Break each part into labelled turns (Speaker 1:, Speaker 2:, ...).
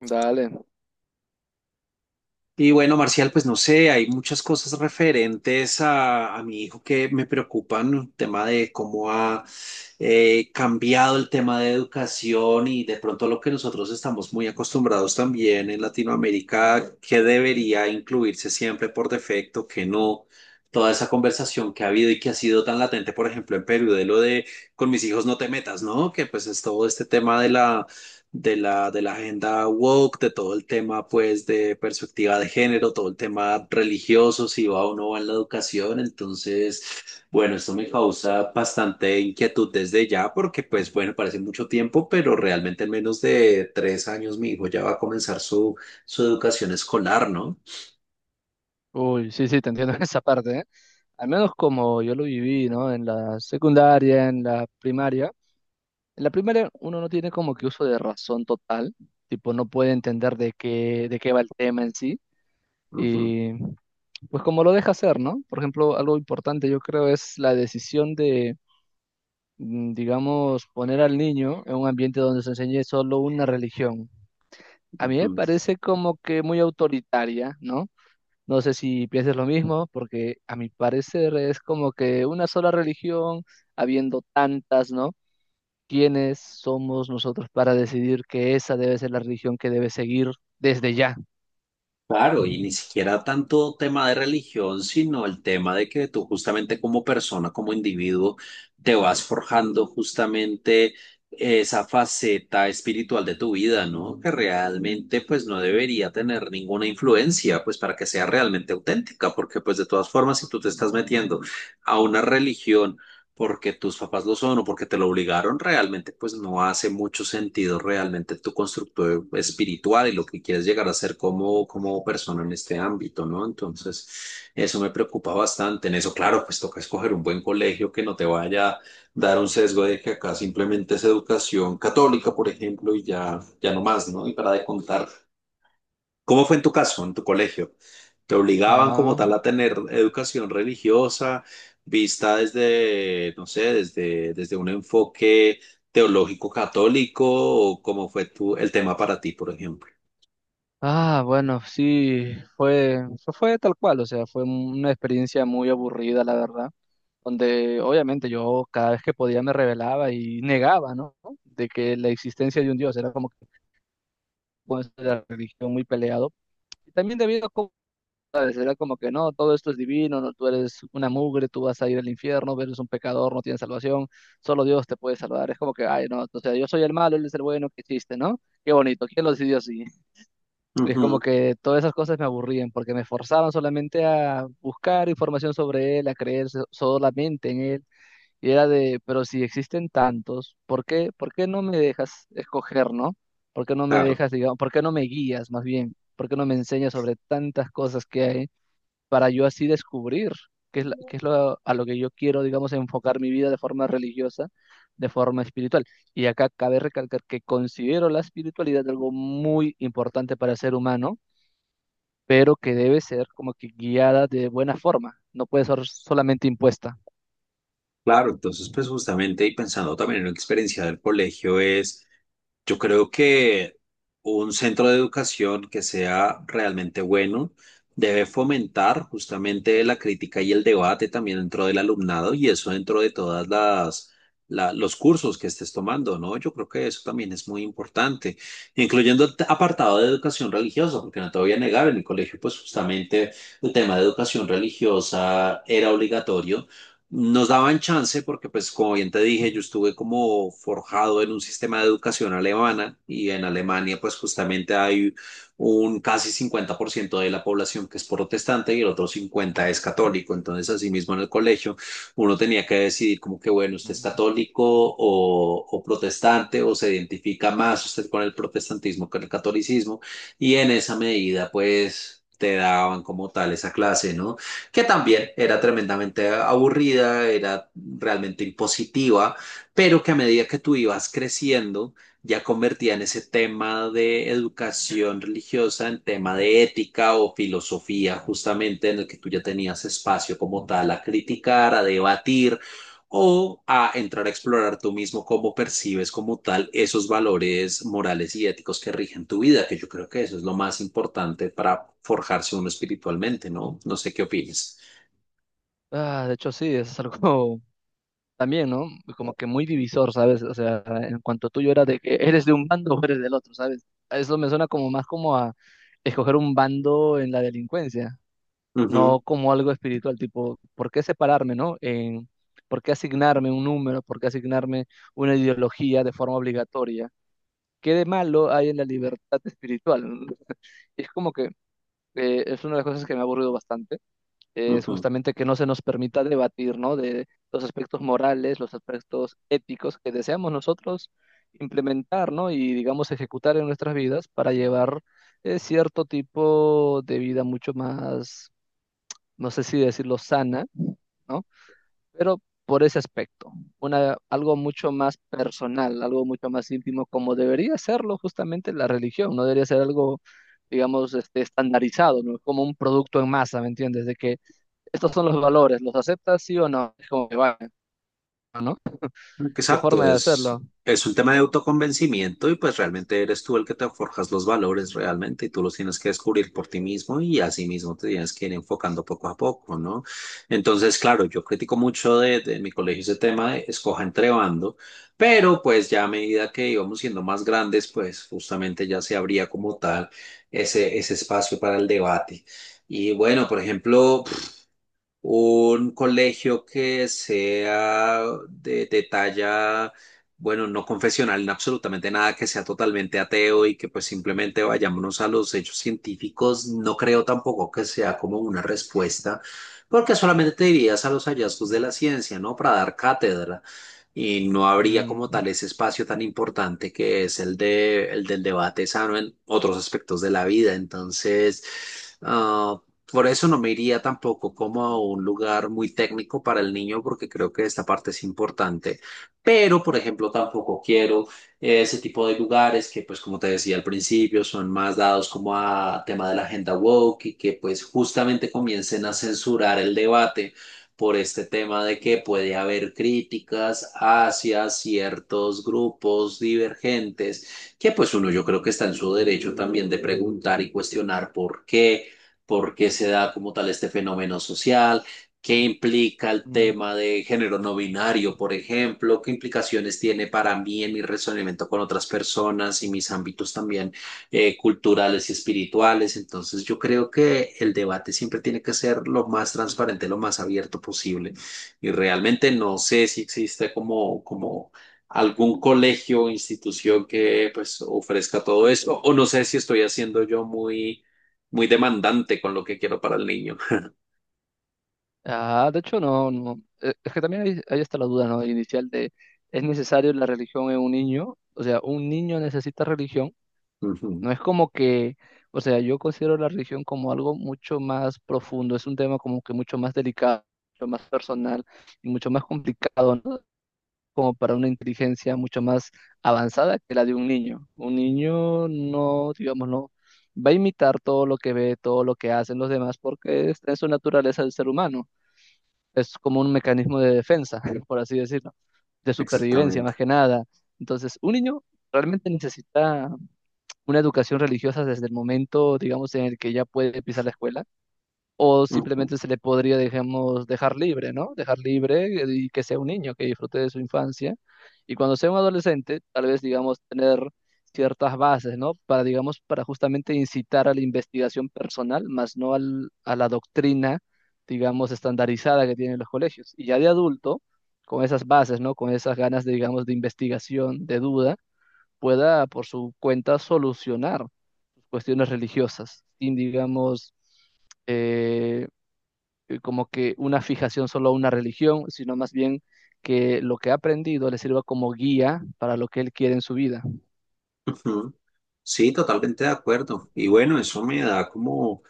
Speaker 1: Dale.
Speaker 2: Y bueno, Marcial, pues no sé, hay muchas cosas referentes a mi hijo que me preocupan, el tema de cómo ha cambiado el tema de educación y de pronto lo que nosotros estamos muy acostumbrados también en Latinoamérica, que debería incluirse siempre por defecto, que no. Toda esa conversación que ha habido y que ha sido tan latente, por ejemplo, en Perú, de lo de con mis hijos no te metas, ¿no? Que pues es todo este tema de la de la agenda woke, de todo el tema pues de perspectiva de género, todo el tema religioso, si va o no va en la educación. Entonces, bueno, esto me causa bastante inquietud desde ya porque pues bueno, parece mucho tiempo, pero realmente en menos de 3 años mi hijo ya va a comenzar su educación escolar, ¿no?
Speaker 1: Uy, sí, sí, te entiendo en esa parte, ¿eh? Al menos como yo lo viví, ¿no? En la secundaria, en la primaria. En la primaria uno no tiene como que uso de razón total, tipo no puede entender de qué va el tema en sí.
Speaker 2: Ujú,
Speaker 1: Y pues como lo deja hacer, ¿no? Por ejemplo, algo importante yo creo es la decisión de, digamos, poner al niño en un ambiente donde se enseñe solo una religión. A mí me
Speaker 2: ujú.
Speaker 1: parece como que muy autoritaria, ¿no? No sé si piensas lo mismo, porque a mi parecer es como que una sola religión, habiendo tantas, ¿no? ¿Quiénes somos nosotros para decidir que esa debe ser la religión que debe seguir desde ya?
Speaker 2: Claro, y ni siquiera tanto tema de religión, sino el tema de que tú justamente como persona, como individuo, te vas forjando justamente esa faceta espiritual de tu vida, ¿no? Que realmente pues no debería tener ninguna influencia, pues para que sea realmente auténtica, porque pues de todas formas, si tú te estás metiendo a una religión, porque tus papás lo son o porque te lo obligaron, realmente pues no hace mucho sentido realmente tu constructo espiritual y lo que quieres llegar a ser como persona en este ámbito, ¿no? Entonces, eso me preocupa bastante. En eso, claro, pues toca escoger un buen colegio que no te vaya a dar un sesgo de que acá simplemente es educación católica, por ejemplo, y ya, ya no más, ¿no? Y para de contar. ¿Cómo fue en tu caso, en tu colegio? ¿Te obligaban como
Speaker 1: Ah,
Speaker 2: tal a tener educación religiosa vista desde, no sé, desde un enfoque teológico católico o cómo fue tu, el tema para ti, por ejemplo?
Speaker 1: bueno, sí, fue tal cual, o sea, fue una experiencia muy aburrida, la verdad, donde obviamente yo cada vez que podía me rebelaba y negaba, ¿no? De que la existencia de un Dios era como que con eso de la religión muy peleado. Y también debido a... Será como que no, todo esto es divino, no, tú eres una mugre, tú vas a ir al infierno, eres un pecador, no tienes salvación, solo Dios te puede salvar. Es como que, ay, no, o sea, yo soy el malo, él es el bueno, qué chiste, ¿no? Qué bonito, ¿quién lo decidió así? Y es como
Speaker 2: Ujú,
Speaker 1: que todas esas cosas me aburrían porque me forzaban solamente a buscar información sobre él, a creer solamente en él. Y era de, pero si existen tantos, ¿por qué no me dejas escoger, ¿no? ¿Por qué no me
Speaker 2: claro.
Speaker 1: dejas, digamos, por qué no me guías más bien? ¿Por qué no me enseñas sobre tantas cosas que hay? Para yo así descubrir qué es, qué es lo, a lo que yo quiero, digamos, enfocar mi vida de forma religiosa, de forma espiritual. Y acá cabe recalcar que considero la espiritualidad algo muy importante para el ser humano, pero que debe ser como que guiada de buena forma, no puede ser solamente impuesta.
Speaker 2: Claro, entonces pues justamente y pensando también en la experiencia del colegio es, yo creo que un centro de educación que sea realmente bueno debe fomentar justamente la crítica y el debate también dentro del alumnado y eso dentro de todas las los cursos que estés tomando, ¿no? Yo creo que eso también es muy importante, incluyendo el apartado de educación religiosa, porque no te voy a negar, en el colegio pues justamente el tema de educación religiosa era obligatorio nos daban chance porque, pues, como bien te dije, yo estuve como forjado en un sistema de educación alemana y en Alemania, pues, justamente hay un casi 50% de la población que es protestante y el otro 50% es católico. Entonces, asimismo, en el colegio, uno tenía que decidir como que, bueno, usted es
Speaker 1: Mm.
Speaker 2: católico o protestante o se identifica más usted con el protestantismo que con el catolicismo y en esa medida, pues, te daban como tal esa clase, ¿no? Que también era tremendamente aburrida, era realmente impositiva, pero que a medida que tú ibas creciendo, ya convertían ese tema de educación religiosa en tema de ética o filosofía, justamente en el que tú ya tenías espacio como tal a criticar, a debatir o a entrar a explorar tú mismo cómo percibes como tal esos valores morales y éticos que rigen tu vida, que yo creo que eso es lo más importante para forjarse uno espiritualmente, ¿no? No sé qué opinas.
Speaker 1: Ah, de hecho, sí, es algo también, ¿no? Como que muy divisor, ¿sabes? O sea, en cuanto tú yo era de que eres de un bando o eres del otro, ¿sabes? Eso me suena como más como a escoger un bando en la delincuencia.
Speaker 2: Ujú,
Speaker 1: No como algo espiritual, tipo, ¿por qué separarme, no? En, ¿por qué asignarme un número? ¿Por qué asignarme una ideología de forma obligatoria? ¿Qué de malo hay en la libertad espiritual? Es como que es una de las cosas que me ha aburrido bastante, es
Speaker 2: ujú.
Speaker 1: justamente que no se nos permita debatir, ¿no? De los aspectos morales, los aspectos éticos que deseamos nosotros implementar, ¿no? Y digamos ejecutar en nuestras vidas para llevar cierto tipo de vida mucho más, no sé si decirlo sana, ¿no? Pero por ese aspecto, una, algo mucho más personal, algo mucho más íntimo, como debería serlo justamente la religión, no debería ser algo, digamos, este, estandarizado, ¿no? Como un producto en masa, ¿me entiendes? De que estos son los valores, ¿los aceptas sí o no? Es como que va, ¿no? ¿Qué
Speaker 2: Exacto,
Speaker 1: forma de
Speaker 2: es,
Speaker 1: hacerlo?
Speaker 2: es un tema de autoconvencimiento y pues realmente eres tú el que te forjas los valores realmente y tú los tienes que descubrir por ti mismo y así mismo te tienes que ir enfocando poco a poco, ¿no? Entonces, claro, yo critico mucho de mi colegio ese tema de escoja entre bando, pero pues ya a medida que íbamos siendo más grandes, pues justamente ya se abría como tal ese espacio para el debate. Y bueno, por ejemplo, un colegio que sea de talla, bueno, no confesional en absolutamente nada, que sea totalmente ateo y que pues simplemente vayámonos a los hechos científicos, no creo tampoco que sea como una respuesta, porque solamente te dirías a los hallazgos de la ciencia, ¿no? Para dar cátedra y no habría como
Speaker 1: Mm,
Speaker 2: tal ese espacio tan importante que es el de, el del debate sano en otros aspectos de la vida. Entonces, ah, por eso no me iría tampoco como a un lugar muy técnico para el niño, porque creo que esta parte es importante. Pero, por ejemplo, tampoco quiero ese tipo de lugares que, pues, como te decía al principio, son más dados como a tema de la agenda woke y que, pues, justamente comiencen a censurar el debate por este tema de que puede haber críticas hacia ciertos grupos divergentes, que pues uno yo creo que está en su derecho también de preguntar y cuestionar por qué se da como tal este fenómeno social. ¿Qué implica el
Speaker 1: mm.
Speaker 2: tema de género no binario, por ejemplo? ¿Qué implicaciones tiene para mí en mi relacionamiento con otras personas y mis ámbitos también? Culturales y espirituales. Entonces yo creo que el debate siempre tiene que ser lo más transparente, lo más abierto posible. Y realmente no sé si existe como algún colegio o institución que pues ofrezca todo eso. O no sé si estoy haciendo yo muy, muy demandante con lo que quiero para el niño.
Speaker 1: Ah, de hecho, no, no. Es que también ahí, ahí está la duda, ¿no? Inicial de, ¿es necesario la religión en un niño? O sea, ¿un niño necesita religión?
Speaker 2: Ujú.
Speaker 1: No es como que, o sea, yo considero la religión como algo mucho más profundo, es un tema como que mucho más delicado, mucho más personal y mucho más complicado, ¿no? Como para una inteligencia mucho más avanzada que la de un niño. Un niño no, digamos, no va a imitar todo lo que ve, todo lo que hacen los demás, porque es su naturaleza del ser humano. Es como un mecanismo de defensa, por así decirlo, de supervivencia
Speaker 2: Exactamente.
Speaker 1: más que nada. Entonces, un niño realmente necesita una educación religiosa desde el momento, digamos, en el que ya puede pisar la escuela, o
Speaker 2: Ujú,
Speaker 1: simplemente se le podría, digamos, dejar libre, ¿no? Dejar libre y que sea un niño, que disfrute de su infancia, y cuando sea un adolescente, tal vez, digamos, tener ciertas bases, ¿no? Para, digamos, para justamente incitar a la investigación personal, más no a la doctrina, digamos, estandarizada que tienen los colegios. Y ya de adulto, con esas bases, ¿no? Con esas ganas, de, digamos, de investigación, de duda, pueda por su cuenta solucionar cuestiones religiosas, sin, digamos, eh, como que una fijación solo a una religión, sino más bien que lo que ha aprendido le sirva como guía para lo que él quiere en su vida.
Speaker 2: ujú. Sí, totalmente de acuerdo. Y bueno, eso me da como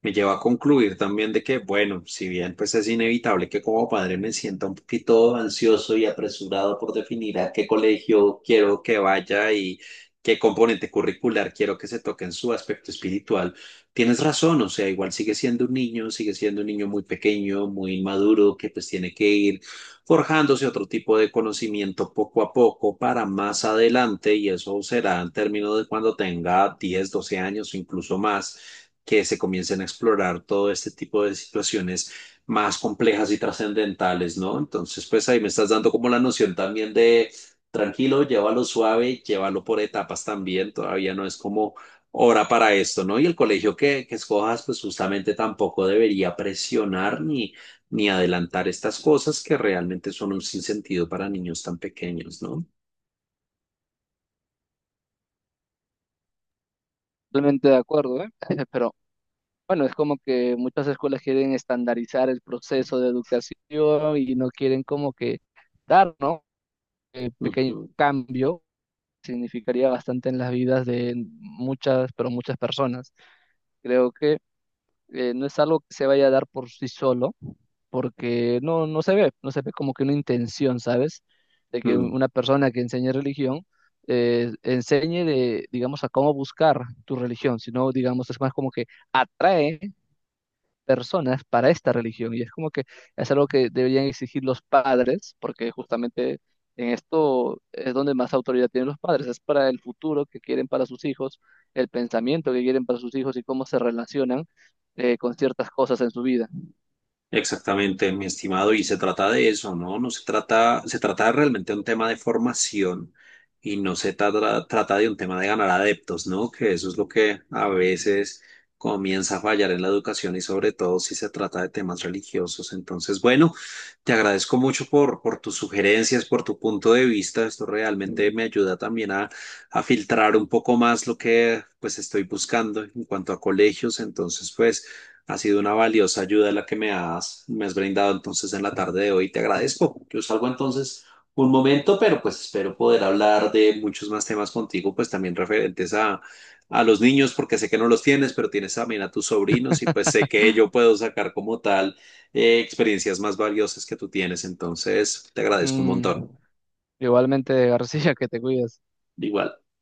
Speaker 2: me lleva a concluir también de que, bueno, si bien pues es inevitable que como padre me sienta un poquito ansioso y apresurado por definir a qué colegio quiero que vaya y qué componente curricular quiero que se toque en su aspecto espiritual, tienes razón, o sea, igual sigue siendo un niño, sigue siendo un niño muy pequeño, muy inmaduro, que pues tiene que ir forjándose otro tipo de conocimiento poco a poco para más adelante y eso será en términos de cuando tenga 10, 12 años o incluso más que se comiencen a explorar todo este tipo de situaciones más complejas y trascendentales, ¿no? Entonces, pues ahí me estás dando como la noción también de tranquilo, llévalo suave, llévalo por etapas también, todavía no es como hora para esto, ¿no? Y el colegio que escojas, pues justamente tampoco debería presionar ni, ni adelantar estas cosas que realmente son un sinsentido para niños tan pequeños, ¿no?
Speaker 1: Totalmente de acuerdo, ¿eh? pero bueno, es como que muchas escuelas quieren estandarizar el proceso de educación y no quieren como que dar, ¿no? Pequeño
Speaker 2: Ujú.
Speaker 1: cambio significaría bastante en las vidas de muchas, pero muchas personas. Creo que no es algo que se vaya a dar por sí solo, porque no se ve, no se ve como que una intención, ¿sabes? De que
Speaker 2: Mm.
Speaker 1: una persona que enseñe religión enseñe de, digamos, a cómo buscar tu religión, sino, digamos, es más como que atrae personas para esta religión. Y es como que es algo que deberían exigir los padres, porque justamente en esto es donde más autoridad tienen los padres. Es para el futuro que quieren para sus hijos, el pensamiento que quieren para sus hijos y cómo se relacionan con ciertas cosas en su vida.
Speaker 2: Exactamente, mi estimado, y se trata de eso, ¿no? No se trata, se trata realmente de un tema de formación y no se trata de un tema de ganar adeptos, ¿no? Que eso es lo que a veces comienza a fallar en la educación y sobre todo si se trata de temas religiosos. Entonces, bueno, te agradezco mucho por tus sugerencias, por tu punto de vista. Esto realmente me ayuda también a filtrar un poco más lo que pues estoy buscando en cuanto a colegios. Entonces, pues... Ha sido una valiosa ayuda la que me has brindado entonces en la tarde de hoy. Te agradezco. Yo salgo entonces un momento, pero pues espero poder hablar de muchos más temas contigo, pues también referentes a los niños, porque sé que no los tienes, pero tienes también a tus sobrinos y pues sé que yo puedo sacar como tal experiencias más valiosas que tú tienes. Entonces, te agradezco un
Speaker 1: Mm,
Speaker 2: montón.
Speaker 1: igualmente, García, que te cuides.
Speaker 2: Igual.